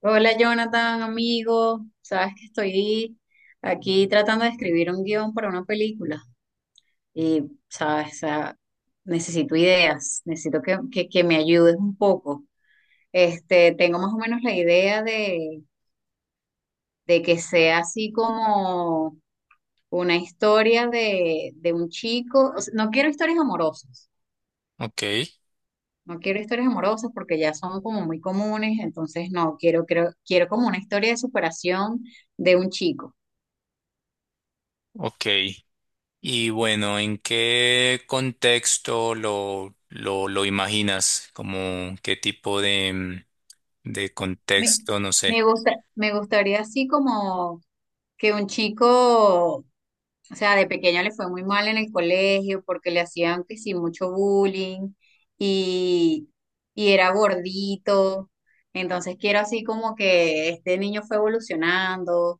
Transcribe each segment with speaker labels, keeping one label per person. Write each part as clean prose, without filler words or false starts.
Speaker 1: Hola Jonathan, amigo. Sabes que estoy aquí tratando de escribir un guión para una película y, sabes, o sea, necesito ideas, necesito que me ayudes un poco. Este, tengo más o menos la idea de que sea así como una historia de un chico. O sea, no quiero historias amorosas,
Speaker 2: Ok,
Speaker 1: no quiero historias amorosas porque ya son como muy comunes, entonces no, quiero, creo, quiero como una historia de superación de un chico.
Speaker 2: ok. Y bueno, ¿en qué contexto lo imaginas? ¿Como qué tipo de, de
Speaker 1: Me,
Speaker 2: contexto? No sé.
Speaker 1: me gusta, me gustaría así como que un chico, o sea, de pequeño le fue muy mal en el colegio porque le hacían que sí mucho bullying y, y era gordito. Entonces quiero así como que este niño fue evolucionando.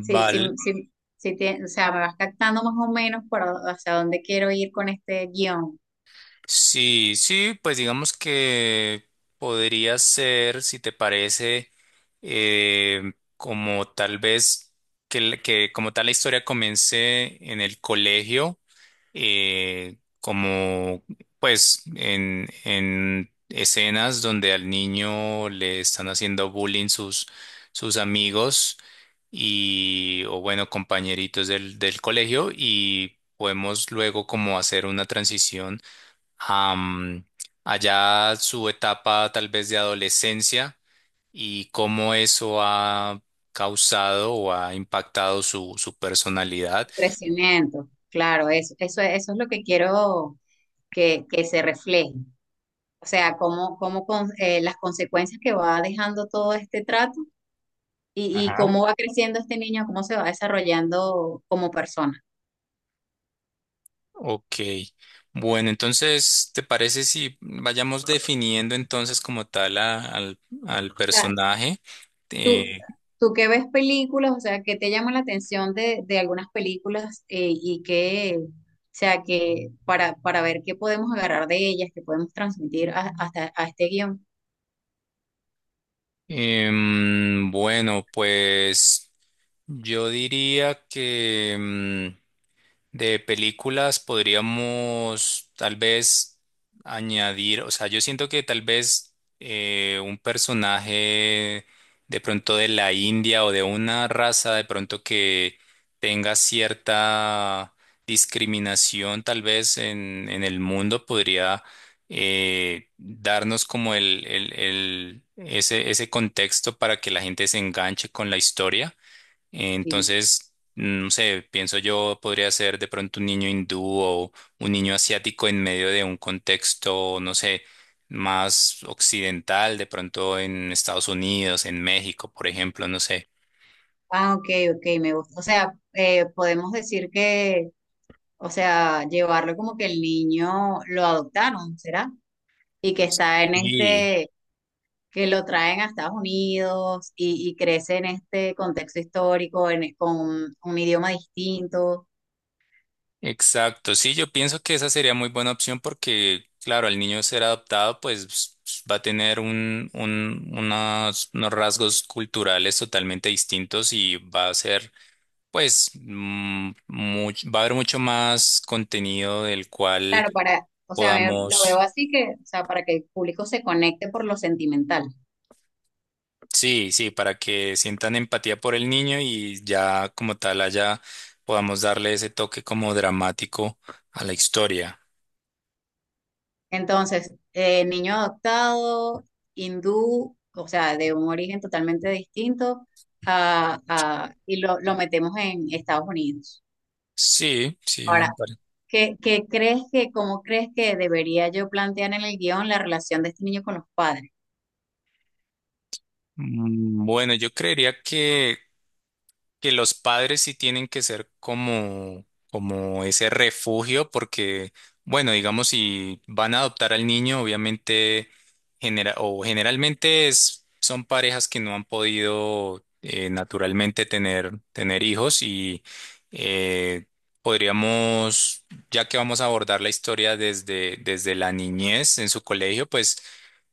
Speaker 1: Sí, sí,
Speaker 2: Vale.
Speaker 1: sí, o sea, me vas captando más o menos para hacia dónde quiero ir con este guión.
Speaker 2: Sí, sí, pues digamos que podría ser, si te parece, como tal vez que, que como tal la historia comience en el colegio, como pues en escenas donde al niño le están haciendo bullying sus, sus amigos y o bueno compañeritos del, del colegio, y podemos luego como hacer una transición a, allá su etapa tal vez de adolescencia y cómo eso ha causado o ha impactado su, su personalidad.
Speaker 1: Crecimiento, claro, eso es lo que quiero que se refleje. O sea, cómo, las consecuencias que va dejando todo este trato y cómo va creciendo este niño, cómo se va desarrollando como persona.
Speaker 2: Ok, bueno, entonces, ¿te parece si vayamos definiendo entonces como tal al
Speaker 1: O sea,
Speaker 2: personaje?
Speaker 1: tú,
Speaker 2: Eh,
Speaker 1: tú que ves películas, o sea, qué te llama la atención de algunas películas y que, o sea, que para ver qué podemos agarrar de ellas, qué podemos transmitir hasta a este guión.
Speaker 2: bueno, pues yo diría que... De películas podríamos tal vez añadir, o sea, yo siento que tal vez un personaje de pronto de la India o de una raza de pronto que tenga cierta discriminación tal vez en el mundo, podría darnos como ese, ese contexto para que la gente se enganche con la historia.
Speaker 1: Sí.
Speaker 2: Entonces, no sé, pienso yo podría ser de pronto un niño hindú o un niño asiático en medio de un contexto, no sé, más occidental, de pronto en Estados Unidos, en México, por ejemplo, no sé.
Speaker 1: Ah, ok, ok, me gusta. O sea, podemos decir que, o sea, llevarlo como que el niño lo adoptaron, ¿será? Y que está en
Speaker 2: Sí,
Speaker 1: este, que lo traen a Estados Unidos y crece en este contexto histórico, en, con un idioma distinto.
Speaker 2: exacto. Sí, yo pienso que esa sería muy buena opción porque, claro, al niño ser adoptado, pues va a tener unos rasgos culturales totalmente distintos y va a ser... Pues va a haber mucho más contenido del cual
Speaker 1: Claro, o sea, lo
Speaker 2: podamos,
Speaker 1: veo así que, o sea, para que el público se conecte por lo sentimental.
Speaker 2: sí, sí, para que sientan empatía por el niño y ya como tal allá podamos darle ese toque como dramático a la historia.
Speaker 1: Entonces, niño adoptado, hindú, o sea, de un origen totalmente distinto, y lo metemos en Estados Unidos.
Speaker 2: Sí, sí,
Speaker 1: Ahora, ¿qué crees que, cómo crees que debería yo plantear en el guión la relación de este niño con los padres?
Speaker 2: Bueno, yo creería que los padres sí tienen que ser como, como ese refugio, porque, bueno, digamos, si van a adoptar al niño, obviamente, o generalmente es, son parejas que no han podido naturalmente tener, tener hijos y eh, podríamos, ya que vamos a abordar la historia desde, desde la niñez en su colegio, pues...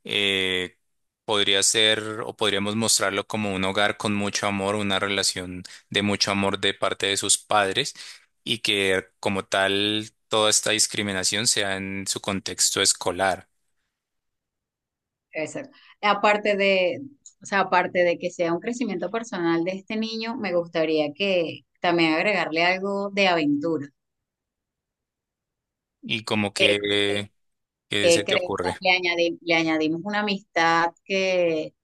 Speaker 2: eh, podría ser, o podríamos mostrarlo como un hogar con mucho amor, una relación de mucho amor de parte de sus padres, y que como tal toda esta discriminación sea en su contexto escolar.
Speaker 1: Exacto. Aparte de, o sea, aparte de que sea un crecimiento personal de este niño, me gustaría que también agregarle algo de aventura.
Speaker 2: Y como
Speaker 1: ¿Qué,
Speaker 2: que, ¿qué se
Speaker 1: qué
Speaker 2: te
Speaker 1: crees? ¿Qué
Speaker 2: ocurre?
Speaker 1: le le añadimos una amistad que,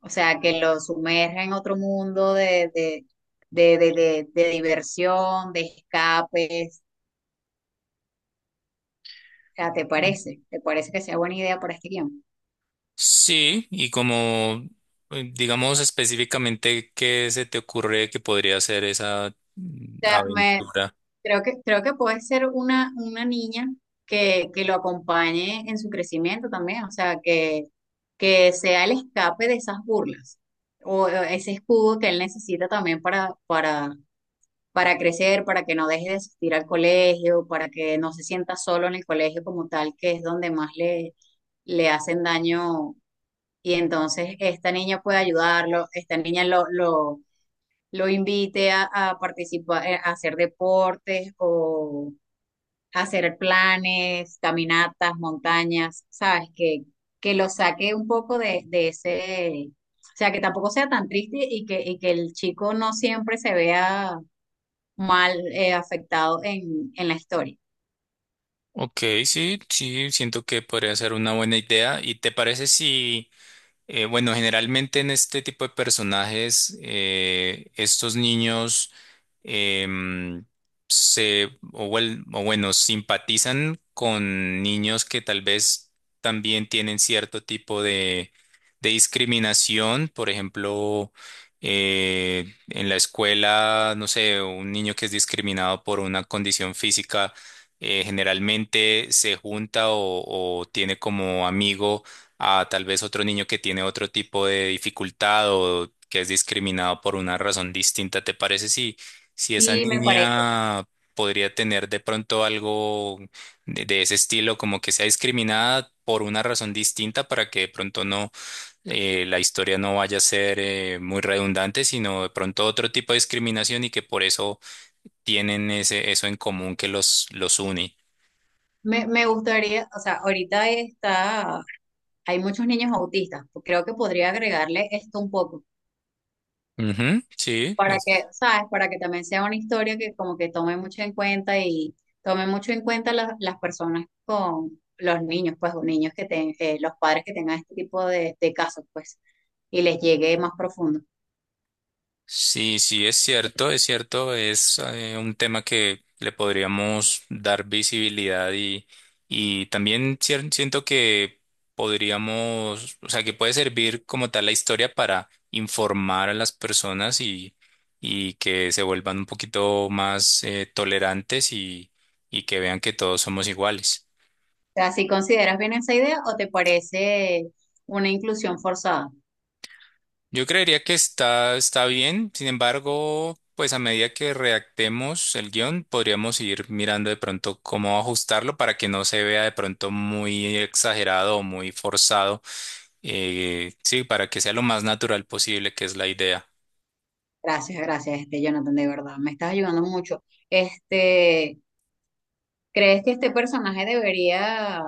Speaker 1: o sea, que lo sumerja en otro mundo de diversión, de escapes. O sea, ¿te parece? ¿Te parece que sea buena idea para este guión?
Speaker 2: Sí, y como digamos específicamente qué se te ocurre que podría ser esa
Speaker 1: Sea, me,
Speaker 2: aventura.
Speaker 1: creo que puede ser una niña que lo acompañe en su crecimiento también, o sea, que sea el escape de esas burlas o ese escudo que él necesita también para crecer, para que no deje de asistir al colegio, para que no se sienta solo en el colegio como tal, que es donde más le, le hacen daño. Y entonces esta niña puede ayudarlo, esta niña lo invite a participar, a hacer deportes o hacer planes, caminatas, montañas, ¿sabes? Que lo saque un poco de ese, o sea, que tampoco sea tan triste y que el chico no siempre se vea mal, afectado en la historia.
Speaker 2: Ok, sí, sí, siento que podría ser una buena idea. ¿Y te parece si... bueno, generalmente en este tipo de personajes, estos niños em, se, o, o bueno, simpatizan con niños que tal vez también tienen cierto tipo de discriminación. Por ejemplo, en la escuela, no sé, un niño que es discriminado por una condición física, generalmente se junta o tiene como amigo a tal vez otro niño que tiene otro tipo de dificultad o que es discriminado por una razón distinta. ¿Te parece si, si esa
Speaker 1: Sí, me parece.
Speaker 2: niña podría tener de pronto algo de ese estilo, como que sea discriminada por una razón distinta para que de pronto no la historia no vaya a ser muy redundante, sino de pronto otro tipo de discriminación, y que por eso tienen ese, eso en común que los une?
Speaker 1: Me gustaría, o sea, ahorita está, hay muchos niños autistas, creo que podría agregarle esto un poco
Speaker 2: Ujú, sí.
Speaker 1: para que, ¿sabes? Para que también sea una historia que como que tome mucho en cuenta y tome mucho en cuenta las personas con los niños, pues, o niños que los padres que tengan este tipo de casos, pues, y les llegue más profundo. O
Speaker 2: Sí, sí, es cierto, es cierto, es un tema que le podríamos dar visibilidad, y también siento que podríamos, o sea, que puede servir como tal la historia para informar a las personas, y que se vuelvan un poquito más tolerantes, y que vean que todos somos iguales.
Speaker 1: sea, si consideras bien esa idea o te parece una inclusión forzada.
Speaker 2: Yo creería que está, está bien, sin embargo, pues a medida que redactemos el guión, podríamos ir mirando de pronto cómo ajustarlo para que no se vea de pronto muy exagerado o muy forzado. Sí, para que sea lo más natural posible, que es la idea.
Speaker 1: Gracias, gracias, este Jonathan, de verdad, me estás ayudando mucho. Este, ¿crees que este personaje debería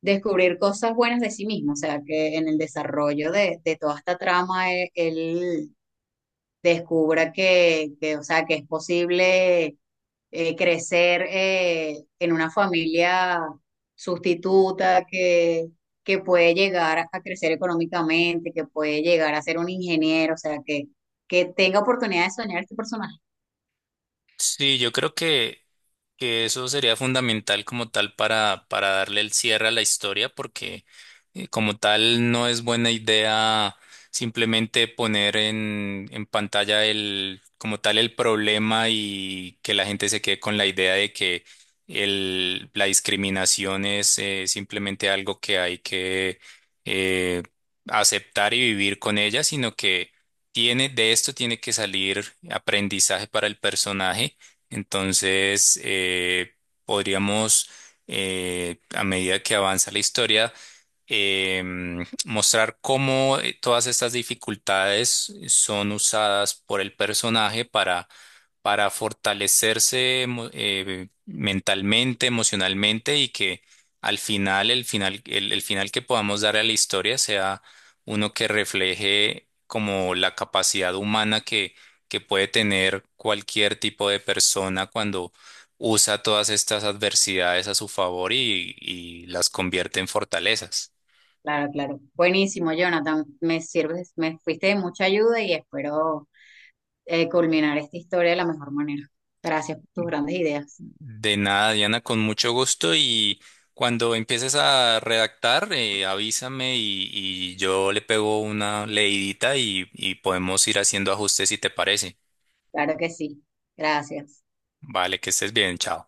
Speaker 1: descubrir cosas buenas de sí mismo? O sea, que en el desarrollo de toda esta trama él, descubra que, o sea, que es posible crecer en una familia sustituta, que puede llegar a crecer económicamente, que puede llegar a ser un ingeniero, o sea, que tenga oportunidad de soñar este personaje.
Speaker 2: Sí, yo creo que eso sería fundamental como tal para darle el cierre a la historia, porque como tal no es buena idea simplemente poner en pantalla el, como tal el problema, y que la gente se quede con la idea de que el, la discriminación es simplemente algo que hay que eh, aceptar y vivir con ella, sino que tiene, de esto tiene que salir aprendizaje para el personaje. Entonces, podríamos, a medida que avanza la historia, mostrar cómo todas estas dificultades son usadas por el personaje para fortalecerse mentalmente, emocionalmente, y que al final, el final, el final que podamos dar a la historia sea uno que refleje como la capacidad humana que puede tener cualquier tipo de persona cuando usa todas estas adversidades a su favor y las convierte en fortalezas.
Speaker 1: Claro, claro. Buenísimo, Jonathan. Me sirves, me fuiste de mucha ayuda y espero culminar esta historia de la mejor manera. Gracias por tus grandes ideas.
Speaker 2: De nada, Diana, con mucho gusto, y cuando empieces a redactar, avísame, y yo le pego una leidita y podemos ir haciendo ajustes si te parece.
Speaker 1: Claro que sí. Gracias.
Speaker 2: Vale, que estés bien, chao.